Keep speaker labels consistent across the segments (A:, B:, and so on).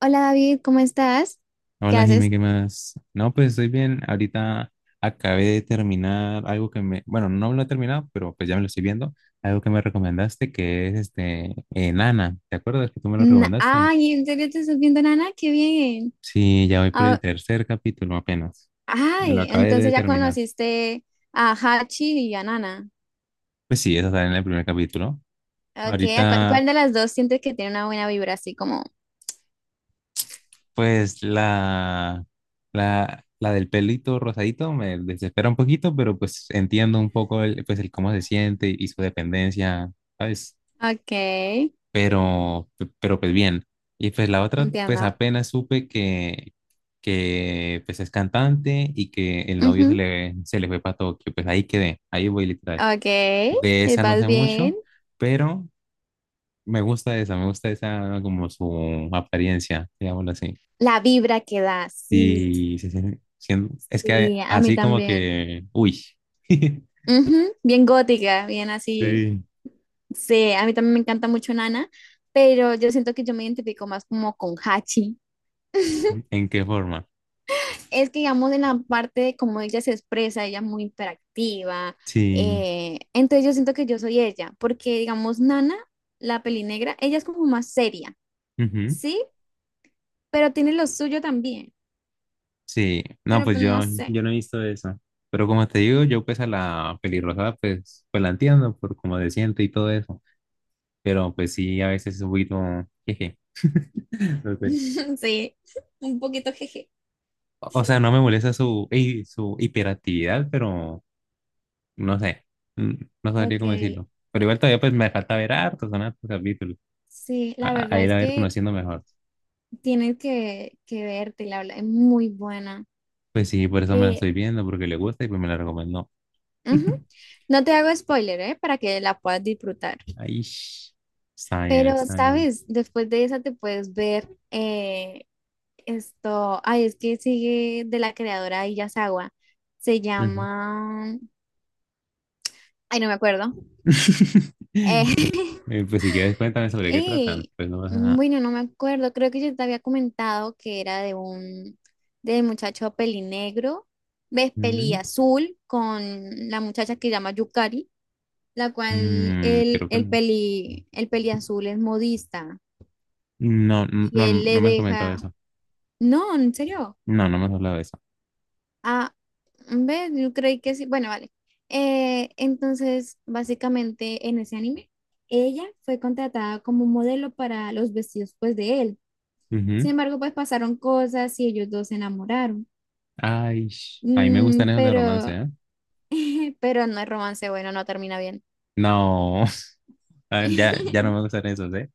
A: Hola David, ¿cómo estás? ¿Qué
B: Hola, Jime,
A: haces?
B: ¿qué más? No, pues estoy bien. Ahorita acabé de terminar algo que me, bueno, no lo he terminado, pero pues ya me lo estoy viendo. Algo que me recomendaste que es Nana. ¿Te acuerdas que tú me lo recomendaste?
A: Ay, ¿en serio te estás viendo Nana? ¡Qué bien!
B: Sí, ya voy por el
A: Ah,
B: tercer capítulo apenas. Me lo
A: ay,
B: acabé de
A: entonces ya
B: terminar.
A: conociste a Hachi y a Nana.
B: Pues sí, eso está en el primer capítulo.
A: Ok,
B: Ahorita,
A: ¿cuál de las dos sientes que tiene una buena vibra así como?
B: pues la del pelito rosadito me desespera un poquito, pero pues entiendo un poco el, pues el cómo se siente y su dependencia, ¿sabes?
A: Ok,
B: Pero, pero pues bien. Y pues la otra, pues
A: entiendo.
B: apenas supe que pues es cantante y que el novio
A: Ujú.
B: se le fue para Tokio, pues ahí quedé, ahí voy literal.
A: Ok,
B: De esa no
A: vas
B: sé
A: bien.
B: mucho, pero me gusta esa como su apariencia, digámoslo así.
A: La vibra que da, sí,
B: Y es que
A: sí, a mí
B: así como
A: también.
B: que, uy.
A: Ujú. Bien gótica, bien así.
B: Sí.
A: Sí, a mí también me encanta mucho Nana, pero yo siento que yo me identifico más como con Hachi.
B: ¿En qué forma?
A: Es que digamos en la parte de cómo ella se expresa, ella es muy interactiva,
B: Sí.
A: entonces yo siento que yo soy ella, porque digamos Nana, la peli negra, ella es como más seria, ¿sí? Pero tiene lo suyo también,
B: Sí, no,
A: pero pues no sé.
B: yo no he visto eso. Pero como te digo, yo pues a la pelirroja pues, pues la entiendo por cómo se siente y todo eso. Pero pues sí, a veces es un poquito, jeje. No sé.
A: Sí, un poquito jeje.
B: O sea, no me molesta su, su hiperactividad, pero no sé, mm, no sabría
A: Ok.
B: cómo decirlo. Pero igual todavía pues me falta ver hartos, son hartos capítulos.
A: Sí, la
B: A
A: verdad
B: ir
A: es
B: a ver
A: que
B: conociendo mejor.
A: tienes que verte, la verdad, es muy buena.
B: Pues sí, por eso me la
A: Eh,
B: estoy viendo, porque le gusta y pues me la recomendó.
A: ujú. No te hago spoiler, ¿eh? Para que la puedas disfrutar.
B: Ay, está bien,
A: Pero,
B: está bien.
A: ¿sabes? Después de esa te puedes ver esto. Ay, es que sigue de la creadora de Yasawa. Se
B: Ujú.
A: llama. Ay, no me acuerdo. Eh,
B: Pues si quieres, cuéntame sobre qué tratan.
A: y,
B: Pues no pasa nada.
A: bueno, no me acuerdo. Creo que yo te había comentado que era de un de muchacho pelinegro, ves,
B: Mm,
A: peliazul, con la muchacha que se llama Yukari, la cual
B: creo que no.
A: el peliazul es modista
B: No,
A: y él
B: no
A: le
B: me has comentado
A: deja.
B: eso.
A: No, en serio.
B: No, no me has hablado de eso.
A: Ah, ¿ves? Yo creí que sí. Bueno, vale. Entonces, básicamente en ese anime, ella fue contratada como modelo para los vestidos pues de él. Sin
B: Ujú.
A: embargo, pues pasaron cosas y ellos dos se enamoraron.
B: Ay, a mí me
A: Mm,
B: gustan esos de romance,
A: pero,
B: ¿eh?
A: pero no es romance, bueno, no termina bien.
B: No, ah, ya, ya no me gustan esos, ¿eh?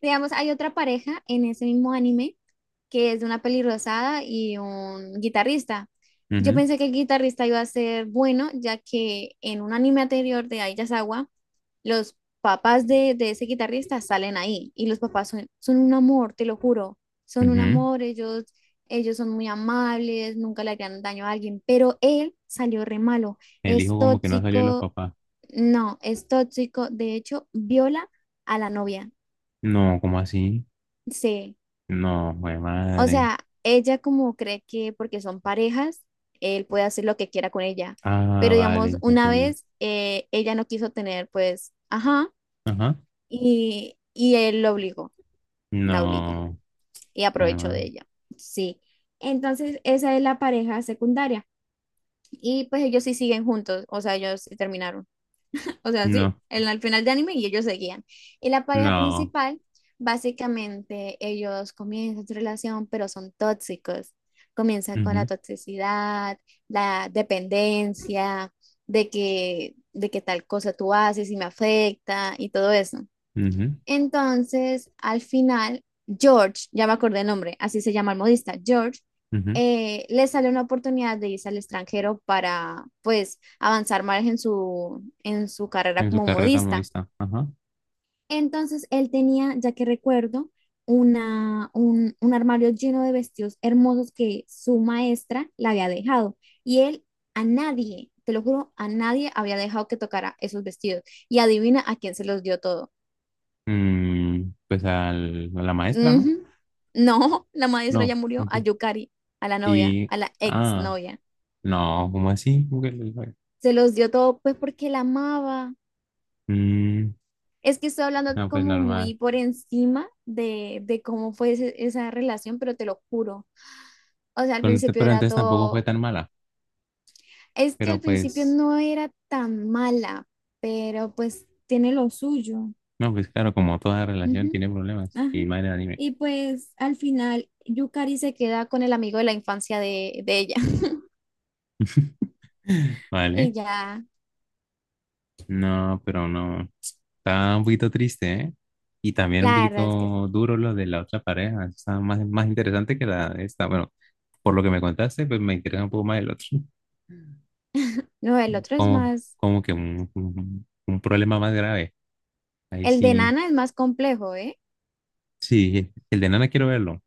A: Digamos, hay otra pareja en ese mismo anime que es de una pelirrosada y un guitarrista. Yo pensé que el guitarrista iba a ser bueno, ya que en un anime anterior de Aiyazawa, los papás de ese guitarrista salen ahí y los papás son, son un amor, te lo juro, son
B: Ujú,
A: un
B: ujú.
A: amor, ellos son muy amables, nunca le harían daño a alguien, pero él salió re malo,
B: El
A: es
B: hijo como que no salió de los
A: tóxico,
B: papás.
A: no, es tóxico, de hecho, viola a la novia,
B: No, ¿cómo así?
A: sí.
B: No, jue
A: O
B: madre.
A: sea, ella como cree que porque son parejas, él puede hacer lo que quiera con ella.
B: Ah,
A: Pero digamos,
B: vale, ya
A: una
B: entendí.
A: vez ella no quiso tener, pues, ajá,
B: Ajá.
A: y él lo obligó, la obligó
B: No,
A: y
B: jue
A: aprovechó de
B: ma-
A: ella. Sí. Entonces, esa es la pareja secundaria. Y pues ellos sí siguen juntos, o sea, ellos sí terminaron. O sea,
B: no,
A: sí, en al final de anime y ellos seguían. Y la pareja
B: no.
A: principal, básicamente ellos comienzan su relación, pero son tóxicos. Comienza con la
B: Ujú,
A: toxicidad, la dependencia, de que tal cosa tú haces y me afecta y todo eso.
B: ujú,
A: Entonces, al final, George, ya me acordé el nombre, así se llama el modista, George,
B: ujú.
A: le sale una oportunidad de irse al extranjero para, pues, avanzar más en su carrera
B: En su
A: como
B: carrera
A: modista.
B: modista. Ajá.
A: Entonces, él tenía, ya que recuerdo, un armario lleno de vestidos hermosos que su maestra le había dejado. Y él a nadie, te lo juro, a nadie había dejado que tocara esos vestidos. Y adivina a quién se los dio todo.
B: Mm, pues a la maestra, ¿no?
A: Ujú. No, la maestra ya
B: No,
A: murió a
B: aquí.
A: Yukari, a la novia,
B: Y,
A: a la ex
B: ah,
A: novia.
B: no, ¿cómo así? ¿Cómo que fue?
A: Se los dio todo, pues porque la amaba.
B: Mm,
A: Es que estoy hablando
B: no, pues
A: como
B: normal.
A: muy por encima de cómo fue esa relación, pero te lo juro. O sea, al
B: Pero,
A: principio
B: pero
A: era
B: entonces tampoco fue
A: todo.
B: tan mala.
A: Es que al
B: Pero
A: principio
B: pues,
A: no era tan mala, pero pues tiene lo suyo.
B: no, pues claro, como toda relación
A: Ujú,
B: tiene problemas.
A: ajá.
B: Y madre de anime.
A: Y pues al final, Yukari se queda con el amigo de la infancia de ella. Y
B: Vale.
A: ya.
B: No, pero no. Está un poquito triste, ¿eh? Y también un
A: La verdad es que sí.
B: poquito duro lo de la otra pareja. Está más, más interesante que la de esta. Bueno, por lo que me contaste, pues me interesa un poco más el otro.
A: No, el otro es
B: Como,
A: más,
B: un problema más grave. Ahí
A: el de
B: sí,
A: Nana es más complejo, ¿eh?
B: sí, el de Nana quiero verlo.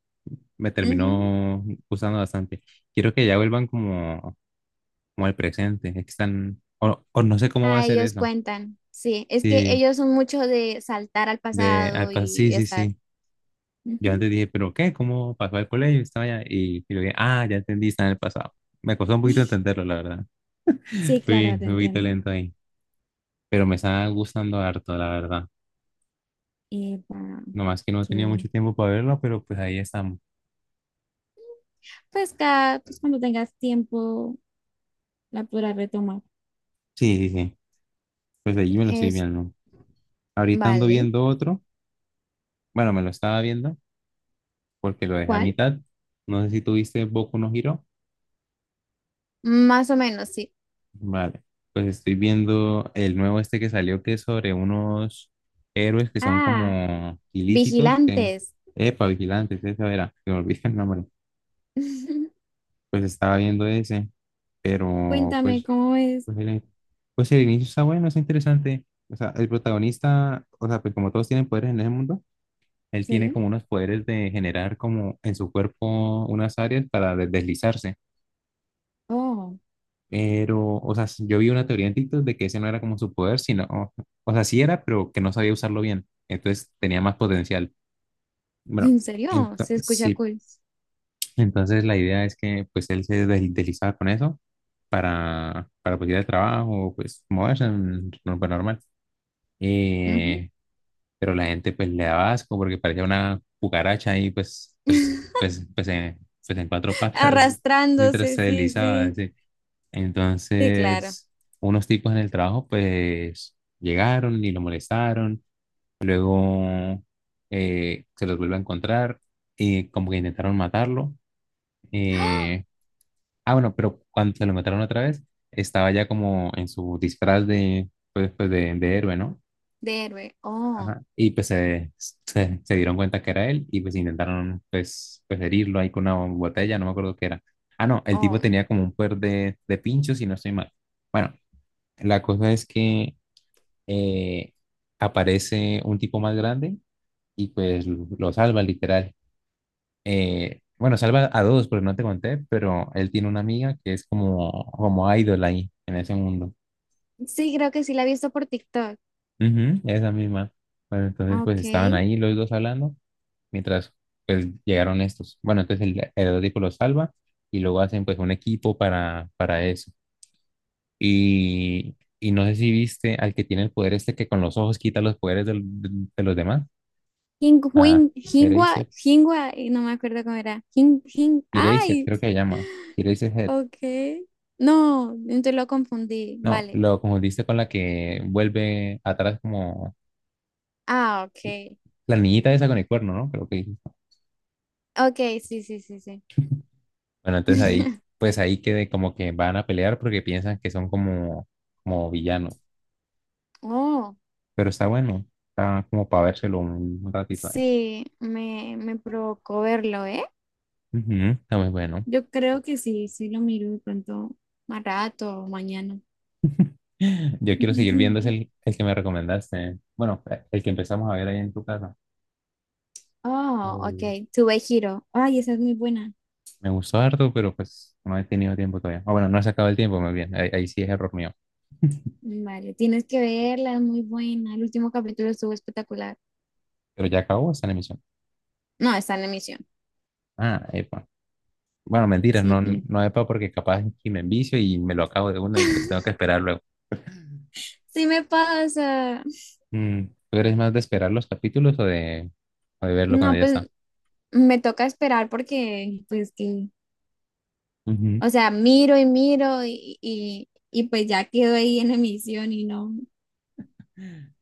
B: Me
A: Ujú.
B: terminó gustando bastante. Quiero que ya vuelvan como, como al presente. Es que están, o no sé cómo va a
A: Ah,
B: ser
A: ellos
B: eso.
A: cuentan, sí, es que
B: Sí,
A: ellos son mucho de saltar al
B: de, ah,
A: pasado
B: sí,
A: y
B: sí,
A: estar,
B: sí. Yo
A: ujú.
B: antes dije, ¿pero qué? ¿Cómo pasó al colegio? Estaba allá y luego, ah, ya entendí, está en el pasado. Me costó un poquito entenderlo, la verdad.
A: Sí, claro, te
B: Fui un poquito
A: entiendo.
B: lento ahí. Pero me está gustando harto, la verdad.
A: Eh, para
B: Nomás que no tenía mucho
A: que,
B: tiempo para verlo, pero pues ahí estamos.
A: pues, pues cuando tengas tiempo la podrás retomar.
B: Sí, sí, sí. Pues allí me lo estoy
A: Es,
B: viendo. Ahorita ando
A: vale.
B: viendo otro. Bueno, me lo estaba viendo porque lo dejé a
A: ¿Cuál?
B: mitad. No sé si tuviste Boku no Hero.
A: Más o menos, sí.
B: Vale. Pues estoy viendo el nuevo este que salió que es sobre unos héroes que son
A: Ah,
B: como ilícitos que...
A: Vigilantes.
B: Epa, vigilantes, esa era. Se me olvidé el nombre. Pues estaba viendo ese, pero
A: Cuéntame
B: pues,
A: cómo es.
B: pues el, pues el inicio está bueno, es interesante. O sea, el protagonista, o sea, pues como todos tienen poderes en ese mundo. Él tiene
A: Sí.
B: como unos poderes de generar como en su cuerpo unas áreas para deslizarse.
A: Oh,
B: Pero, o sea, yo vi una teoría en TikTok de que ese no era como su poder, sino, o sea, sí era, pero que no sabía usarlo bien. Entonces tenía más potencial. Bueno,
A: ¿en serio? Se escucha
B: sí.
A: cool.
B: Entonces la idea es que pues él se deslizaba con eso para pues ir al trabajo, pues moverse, no, pues, normal.
A: Ujú.
B: Eh, pero la gente pues le daba asco porque parecía una cucaracha y pues en cuatro patas mientras
A: Arrastrándose,
B: se
A: sí,
B: deslizaba.
A: sí.
B: Así.
A: Sí, claro.
B: Entonces, unos tipos en el trabajo pues llegaron y lo molestaron, luego se los vuelve a encontrar y como que intentaron matarlo. eh, bueno, pero cuando se lo mataron otra vez, estaba ya como en su disfraz de, pues, pues de héroe, ¿no?
A: De héroe. Oh,
B: Ajá. Y se dieron cuenta que era él y pues intentaron pues, pues herirlo ahí con una botella, no me acuerdo qué era. Ah, no, el tipo
A: oh.
B: tenía como un poder de pinchos si no estoy mal. Bueno, la cosa es que eh, aparece un tipo más grande y pues lo salva literal. Bueno, salva a dos, porque no te conté, pero él tiene una amiga que es como, como idol ahí en ese mundo.
A: Sí, creo que sí la he visto por TikTok.
B: Ujú, esa misma. Bueno, entonces pues
A: Ok.
B: estaban ahí los dos hablando mientras pues llegaron estos. Bueno, entonces el Heródico lo salva y luego hacen pues un equipo para eso. Y no sé si viste al que tiene el poder este que con los ojos quita los poderes de los demás.
A: hing
B: Ah,
A: Huin- hingua
B: Eraser.
A: hingua y no me acuerdo cómo era. Hing hing
B: Eraser,
A: ay,
B: creo que se llama. Eraser.
A: ok. No, entonces lo confundí.
B: No,
A: Vale.
B: lo confundiste con la que vuelve atrás como
A: Ah, ok.
B: la niñita esa con el cuerno, ¿no? Creo que dijiste.
A: Ok, sí, sí, sí, sí.
B: Bueno, entonces ahí, pues ahí quede como que van a pelear porque piensan que son como, como villanos.
A: Oh,
B: Pero está bueno. Está como para vérselo un ratito ahí.
A: sí, me provocó verlo, ¿eh?
B: Ujú, está muy bueno.
A: Yo creo que sí, sí lo miro de pronto más rato o mañana.
B: Yo quiero seguir viendo es el que me recomendaste. Bueno, el que empezamos a ver ahí en tu casa.
A: Oh,
B: Eh,
A: ok. Tuve giro. Ay, esa es muy buena.
B: me gustó harto, pero pues no he tenido tiempo todavía. Ah, bueno, no he sacado el tiempo, más bien. Ahí, ahí sí es error mío.
A: Vale, tienes que verla, es muy buena. El último capítulo estuvo espectacular.
B: Pero ya acabó esta emisión.
A: No, está en emisión.
B: Ah, epa. Bueno, mentira,
A: Sí,
B: no,
A: sí.
B: no epa porque capaz que me envicio y me lo acabo de una y pues tengo que esperar luego.
A: Sí me pasa.
B: Mm, ¿tú eres más de esperar los capítulos o de verlo cuando
A: No,
B: ya está?
A: pues me toca esperar porque, pues que,
B: Ujú.
A: o sea, miro y miro y pues ya quedo ahí en emisión y no.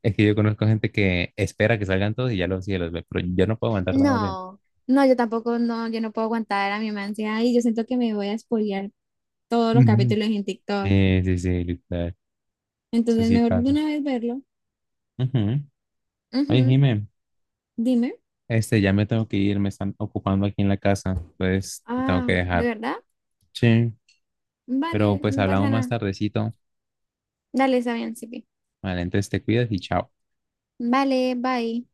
B: Es que yo conozco gente que espera que salgan todos y ya los, sí, los ve, pero yo no puedo aguantar tanto tiempo.
A: No, no, yo tampoco, no, yo no puedo aguantar a mi mamá ansiedad y yo siento que me voy a spoilear todos los
B: Ujú.
A: capítulos en TikTok.
B: Sí, sí, sí, literal. Eso
A: Entonces,
B: sí
A: mejor de
B: pasa.
A: una vez verlo.
B: Ujú. Oye,
A: Ujú.
B: Jimé,
A: Dime.
B: este, ya me tengo que ir, me están ocupando aquí en la casa, pues te tengo
A: Ah,
B: que
A: ¿de
B: dejar.
A: verdad?
B: Sí. Pero
A: Vale,
B: pues
A: no
B: hablamos
A: pasa
B: más
A: nada.
B: tardecito.
A: Dale, está bien, Sipi.
B: Vale, entonces te cuidas y chao.
A: Vale, bye.